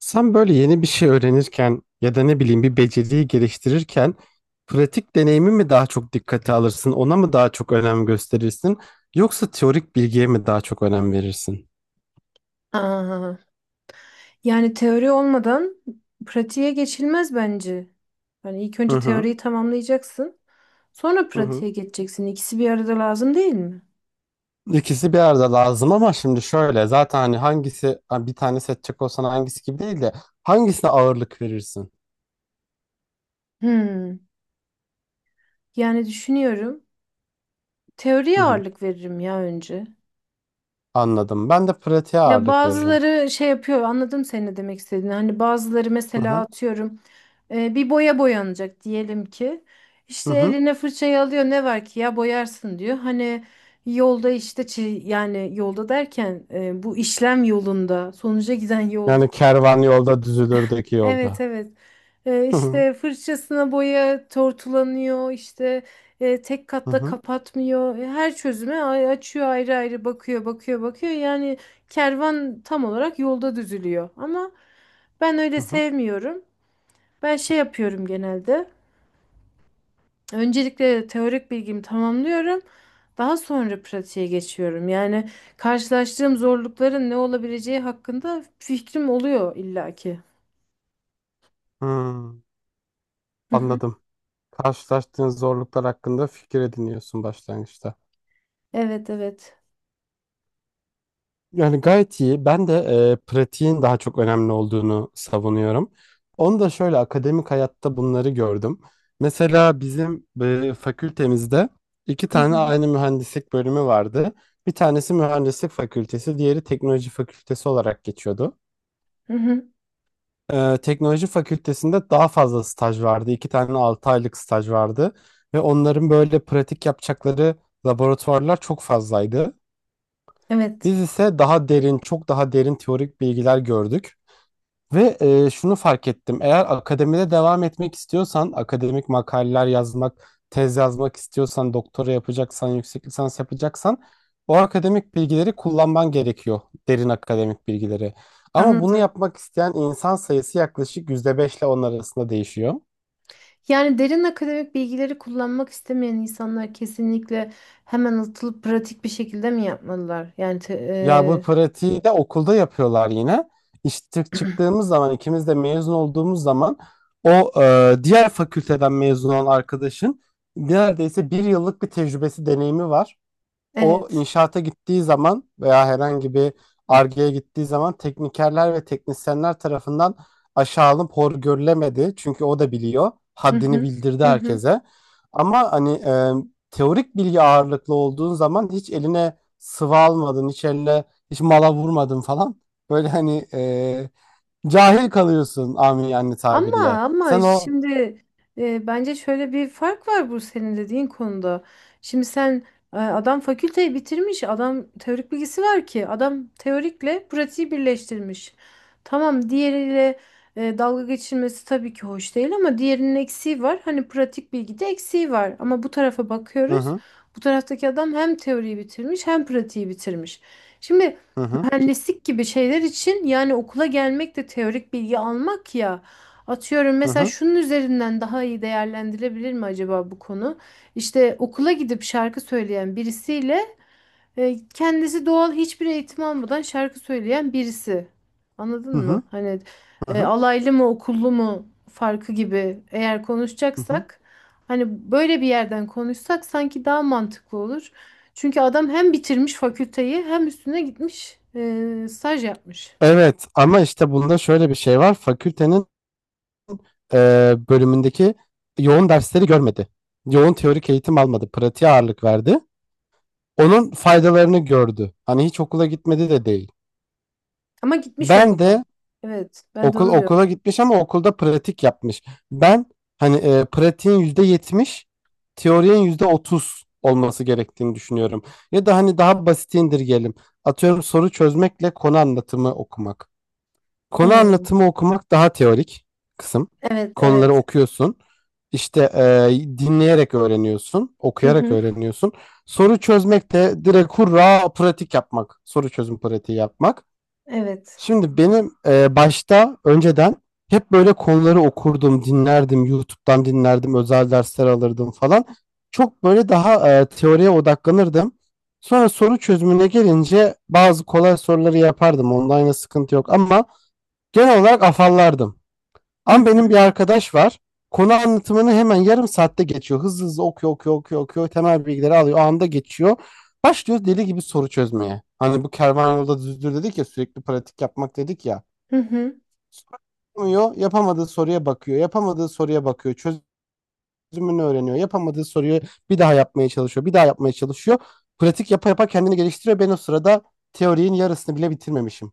Sen böyle yeni bir şey öğrenirken ya da ne bileyim bir beceriyi geliştirirken pratik deneyimi mi daha çok dikkate alırsın, ona mı daha çok önem gösterirsin, yoksa teorik bilgiye mi daha çok önem verirsin? Aa, yani teori olmadan pratiğe geçilmez bence. Hani ilk Hı önce hı, teoriyi tamamlayacaksın, sonra hı hı. pratiğe geçeceksin. İkisi bir arada lazım değil mi? İkisi bir arada lazım ama şimdi şöyle zaten hani hangisi ha, bir tane seçecek olsan hangisi gibi değil de hangisine ağırlık verirsin? Hmm. Yani düşünüyorum. Hı Teoriye hı, ağırlık veririm ya önce. anladım. Ben de pratiğe Ya ağırlık veririm. bazıları şey yapıyor anladım senin ne demek istediğini. Hani bazıları Hı mesela hı, atıyorum bir boya boyanacak diyelim ki. hı İşte hı. eline fırçayı alıyor ne var ki ya boyarsın diyor. Hani yolda işte yani yolda derken bu işlem yolunda sonuca giden yolda. Yani kervan yolda düzülürdeki Evet yolda. evet. Hı hı, İşte fırçasına boya tortulanıyor, işte tek hı katta hı, kapatmıyor. E, her çözüme açıyor ayrı ayrı bakıyor, bakıyor, bakıyor. Yani kervan tam olarak yolda düzülüyor. Ben hı öyle hı. sevmiyorum. Ben şey yapıyorum genelde. Öncelikle teorik bilgimi tamamlıyorum. Daha sonra pratiğe geçiyorum. Yani karşılaştığım zorlukların ne olabileceği hakkında fikrim oluyor illaki. Hı. Hı hı. Anladım. Karşılaştığın zorluklar hakkında fikir ediniyorsun başlangıçta. Evet, evet. Yani gayet iyi. Ben de pratiğin daha çok önemli olduğunu savunuyorum. Onu da şöyle akademik hayatta bunları gördüm. Mesela bizim fakültemizde iki Hı tane hı. aynı mühendislik bölümü vardı. Bir tanesi mühendislik fakültesi, diğeri teknoloji fakültesi olarak geçiyordu. Hı hı. Teknoloji fakültesinde daha fazla staj vardı. İki tane 6 aylık staj vardı. Ve onların böyle pratik yapacakları laboratuvarlar çok fazlaydı. Evet. Biz ise daha derin, çok daha derin teorik bilgiler gördük. Ve şunu fark ettim. Eğer akademide devam etmek istiyorsan, akademik makaleler yazmak, tez yazmak istiyorsan, doktora yapacaksan, yüksek lisans yapacaksan o akademik bilgileri kullanman gerekiyor. Derin akademik bilgileri. Ama bunu Anladım. yapmak isteyen insan sayısı yaklaşık %5 ile 10 arasında değişiyor. Yani derin akademik bilgileri kullanmak istemeyen insanlar kesinlikle hemen atılıp pratik bir şekilde mi yapmalılar? Yani Ya bu te- pratiği de okulda yapıyorlar yine. İşte e, çıktığımız zaman ikimiz de mezun olduğumuz zaman o diğer fakülteden mezun olan arkadaşın neredeyse bir yıllık bir tecrübesi deneyimi var. O evet. inşaata gittiği zaman veya herhangi bir Ar-Ge'ye gittiği zaman teknikerler ve teknisyenler tarafından aşağı alınıp hor görülemedi. Çünkü o da biliyor. Hı Haddini hı. bildirdi Hı hı. herkese. Ama hani teorik bilgi ağırlıklı olduğun zaman hiç eline sıvı almadın, hiç mala vurmadın falan. Böyle hani cahil kalıyorsun amin yani Ama tabirle. ama Sen o. şimdi bence şöyle bir fark var bu senin dediğin konuda. Şimdi sen adam fakülteyi bitirmiş, adam teorik bilgisi var ki, adam teorikle pratiği birleştirmiş. Tamam diğeriyle dalga geçilmesi tabii ki hoş değil ama diğerinin eksiği var. Hani pratik bilgide eksiği var ama bu tarafa Hı bakıyoruz. hı, Bu taraftaki adam hem teoriyi bitirmiş hem pratiği bitirmiş. Şimdi hı hı, mühendislik gibi şeyler için yani okula gelmek de teorik bilgi almak ya. Atıyorum hı mesela hı, şunun üzerinden daha iyi değerlendirilebilir mi acaba bu konu? İşte okula gidip şarkı söyleyen birisiyle kendisi doğal hiçbir eğitim almadan şarkı söyleyen birisi. Anladın mı? hı Hani hı, hı. alaylı mı okullu mu farkı gibi eğer Hı, konuşacaksak hani böyle bir yerden konuşsak sanki daha mantıklı olur. Çünkü adam hem bitirmiş fakülteyi hem üstüne gitmiş staj yapmış. evet ama işte bunda şöyle bir şey var. Fakültenin bölümündeki yoğun dersleri görmedi. Yoğun teorik eğitim almadı. Pratiğe ağırlık verdi. Onun faydalarını gördü. Hani hiç okula gitmedi de değil. Ama gitmiş Ben okula. de Evet, ben de okul onu diyorum. okula gitmiş ama okulda pratik yapmış. Ben hani pratiğin %70, teorinin %30 olması gerektiğini düşünüyorum. Ya da hani daha basit indirgeyelim. Atıyorum soru çözmekle konu anlatımı okumak. Konu Hmm, anlatımı okumak daha teorik kısım. evet, Konuları evet. okuyorsun. İşte dinleyerek öğreniyorsun, Hı okuyarak hı. öğreniyorsun. Soru çözmek de direkt hurra pratik yapmak. Soru çözüm pratiği yapmak. Evet. Şimdi benim başta önceden hep böyle konuları okurdum, dinlerdim, YouTube'dan dinlerdim, özel dersler alırdım falan. Çok böyle daha teoriye odaklanırdım. Sonra soru çözümüne gelince bazı kolay soruları yapardım. Online'a sıkıntı yok ama genel olarak afallardım. Hı Ama benim hı. bir arkadaş var. Konu anlatımını hemen yarım saatte geçiyor. Hızlı hızlı okuyor, okuyor, okuyor, okuyor. Temel bilgileri alıyor. O anda geçiyor. Başlıyor deli gibi soru çözmeye. Hani bu kervan yolda düzdür dedik ya sürekli pratik yapmak dedik ya. Hı hı. Yapamıyor, yapamadığı soruya bakıyor. Yapamadığı soruya bakıyor. Çözümünü öğreniyor. Yapamadığı soruyu bir daha yapmaya çalışıyor. Bir daha yapmaya çalışıyor. Pratik yapa yapa kendini geliştiriyor. Ben o sırada teorinin yarısını bile bitirmemişim.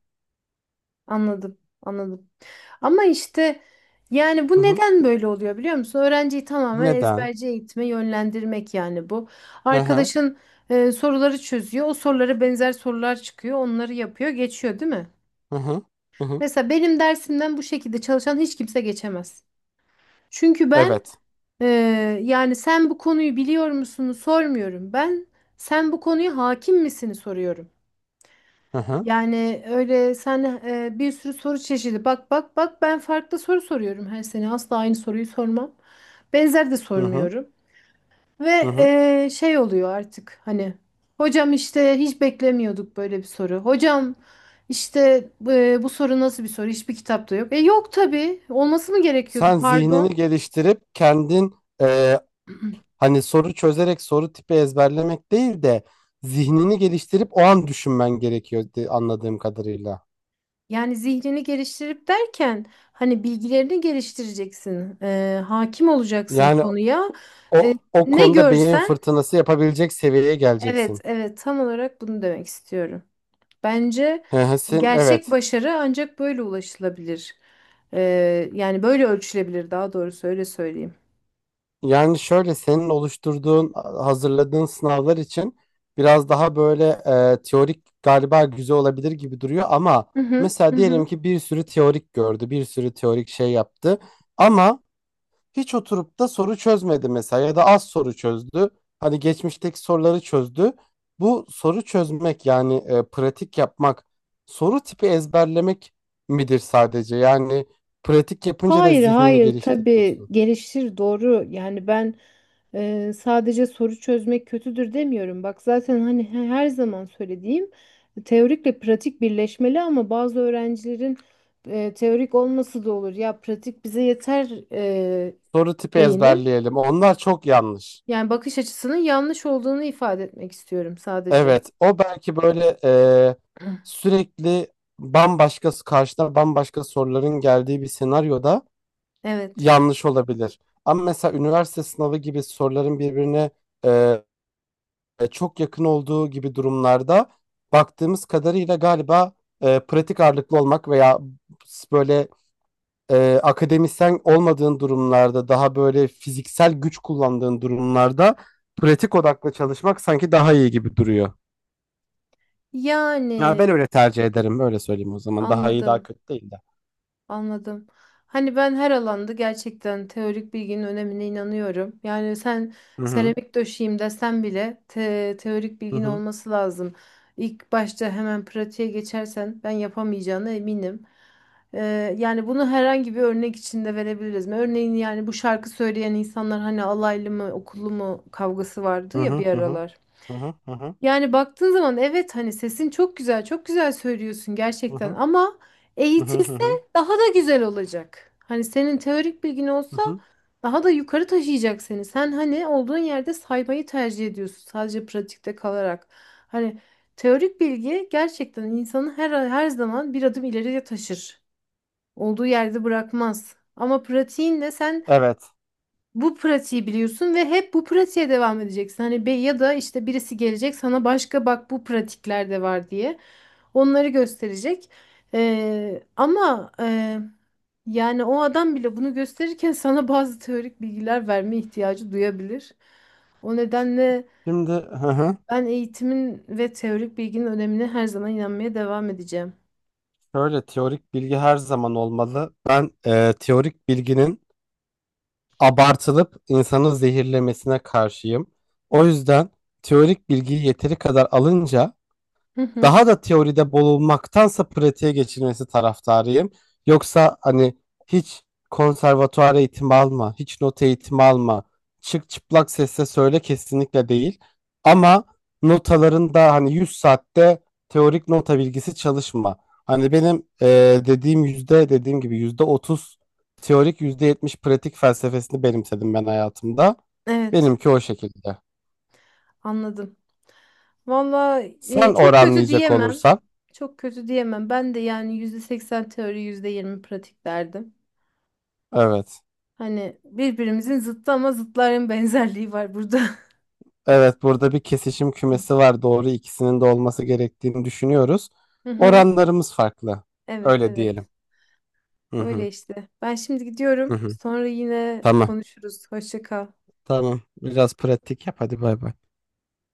Anladım. Anladım. Ama işte yani bu Hı hı. neden böyle oluyor biliyor musun? Öğrenciyi tamamen Neden? ezberci eğitime yönlendirmek yani bu. Hı hı. Arkadaşın soruları çözüyor. O sorulara benzer sorular çıkıyor. Onları yapıyor, geçiyor değil mi? Hı hı. Hı hı. Mesela benim dersimden bu şekilde çalışan hiç kimse geçemez. Çünkü ben Evet. e, yani sen bu konuyu biliyor musun sormuyorum. Ben sen bu konuya hakim misini soruyorum. Hı hı, Yani öyle sen bir sürü soru çeşidi. Bak bak bak ben farklı soru soruyorum her sene. Asla aynı soruyu sormam. Benzer de hı hı, sormuyorum. hı Ve hı. Şey oluyor artık hani hocam işte hiç beklemiyorduk böyle bir soru. Hocam işte bu soru nasıl bir soru? Hiçbir kitapta yok. E yok tabii. Olması mı gerekiyordu? Sen Pardon. zihnini geliştirip kendin e, hani soru çözerek soru tipi ezberlemek değil de zihnini geliştirip o an düşünmen gerekiyor anladığım kadarıyla. Yani zihnini geliştirip derken hani bilgilerini geliştireceksin. E, hakim olacaksın Yani konuya. E, o ne konuda beyin görsen fırtınası yapabilecek seviyeye evet, geleceksin. evet tam olarak bunu demek istiyorum. Bence Hı hı, sen gerçek evet. başarı ancak böyle ulaşılabilir. Yani böyle ölçülebilir daha doğrusu öyle söyleyeyim. Yani şöyle senin oluşturduğun, hazırladığın sınavlar için biraz daha böyle teorik galiba güzel olabilir gibi duruyor ama Hı hı, hı mesela diyelim hı. ki bir sürü teorik gördü, bir sürü teorik şey yaptı ama hiç oturup da soru çözmedi mesela ya da az soru çözdü. Hani geçmişteki soruları çözdü. Bu soru çözmek yani pratik yapmak, soru tipi ezberlemek midir sadece? Yani pratik yapınca da Hayır, zihnini hayır tabii geliştiriyorsun. gelişir doğru. Yani ben sadece soru çözmek kötüdür demiyorum. Bak zaten hani her zaman söylediğim teorikle pratik birleşmeli ama bazı öğrencilerin teorik olması da olur. Ya pratik bize yeter Soru tipi şeyinin. ezberleyelim. Onlar çok yanlış. Yani bakış açısının yanlış olduğunu ifade etmek istiyorum sadece. Evet, o belki böyle sürekli bambaşka karşına bambaşka soruların geldiği bir senaryoda Evet. yanlış olabilir. Ama mesela üniversite sınavı gibi soruların birbirine e, çok yakın olduğu gibi durumlarda baktığımız kadarıyla galiba pratik ağırlıklı olmak veya böyle akademisyen olmadığın durumlarda daha böyle fiziksel güç kullandığın durumlarda pratik odaklı çalışmak sanki daha iyi gibi duruyor. Ya ben Yani öyle tercih ederim. Öyle söyleyeyim o zaman. Daha iyi daha anladım, kötü değil de. anladım. Hani ben her alanda gerçekten teorik bilginin önemine inanıyorum. Yani sen Hı hı. seramik döşeyim desen bile teorik Hı bilgin hı. olması lazım. İlk başta hemen pratiğe geçersen ben yapamayacağına eminim. Yani bunu herhangi bir örnek içinde verebiliriz mi? Örneğin yani bu şarkı söyleyen insanlar hani alaylı mı, okullu mu kavgası vardı Hı ya bir hı. Hı hı. aralar. Hı hı. Hı hı. Yani baktığın zaman evet hani sesin çok güzel, çok güzel söylüyorsun Hı gerçekten hı. ama Hı hı. Hı eğitilse hı. daha da güzel olacak. Hani senin teorik bilgin olsa daha da yukarı taşıyacak seni. Sen hani olduğun yerde saymayı tercih ediyorsun sadece pratikte kalarak. Hani teorik bilgi gerçekten insanı her zaman bir adım ileriye taşır. Olduğu yerde bırakmaz. Ama pratiğinle sen Evet. bu pratiği biliyorsun ve hep bu pratiğe devam edeceksin. Hani be ya da işte birisi gelecek sana başka bak bu pratikler de var diye onları gösterecek. Ama yani o adam bile bunu gösterirken sana bazı teorik bilgiler verme ihtiyacı duyabilir. O nedenle Şimdi hı hı. ben eğitimin ve teorik bilginin önemine her zaman inanmaya devam edeceğim. Şöyle teorik bilgi her zaman olmalı. Ben teorik bilginin abartılıp insanı zehirlemesine karşıyım. O yüzden teorik bilgiyi yeteri kadar alınca Hı hı. daha da teoride bulunmaktansa pratiğe geçilmesi taraftarıyım. Yoksa hani hiç konservatuar eğitimi alma, hiç not eğitimi alma, çık çıplak sesle söyle kesinlikle değil. Ama notaların da hani 100 saatte teorik nota bilgisi çalışma. Hani benim dediğim gibi %30 teorik %70 pratik felsefesini benimsedim ben hayatımda. Evet. Benimki o şekilde. Anladım. Valla Sen çok kötü oranlayacak diyemem. olursan Çok kötü diyemem. Ben de yani %80 teori, %20 pratik derdim. evet. Hani birbirimizin zıttı ama zıtların benzerliği var burada. Evet, burada bir kesişim kümesi var. Doğru ikisinin de olması gerektiğini düşünüyoruz. Hı hı. Oranlarımız farklı. Evet Öyle evet. diyelim. Hı Öyle hı, işte. Ben şimdi hı gidiyorum. hı. Sonra yine Tamam. konuşuruz. Hoşça kal. Tamam. Biraz pratik yap. Hadi bay bay.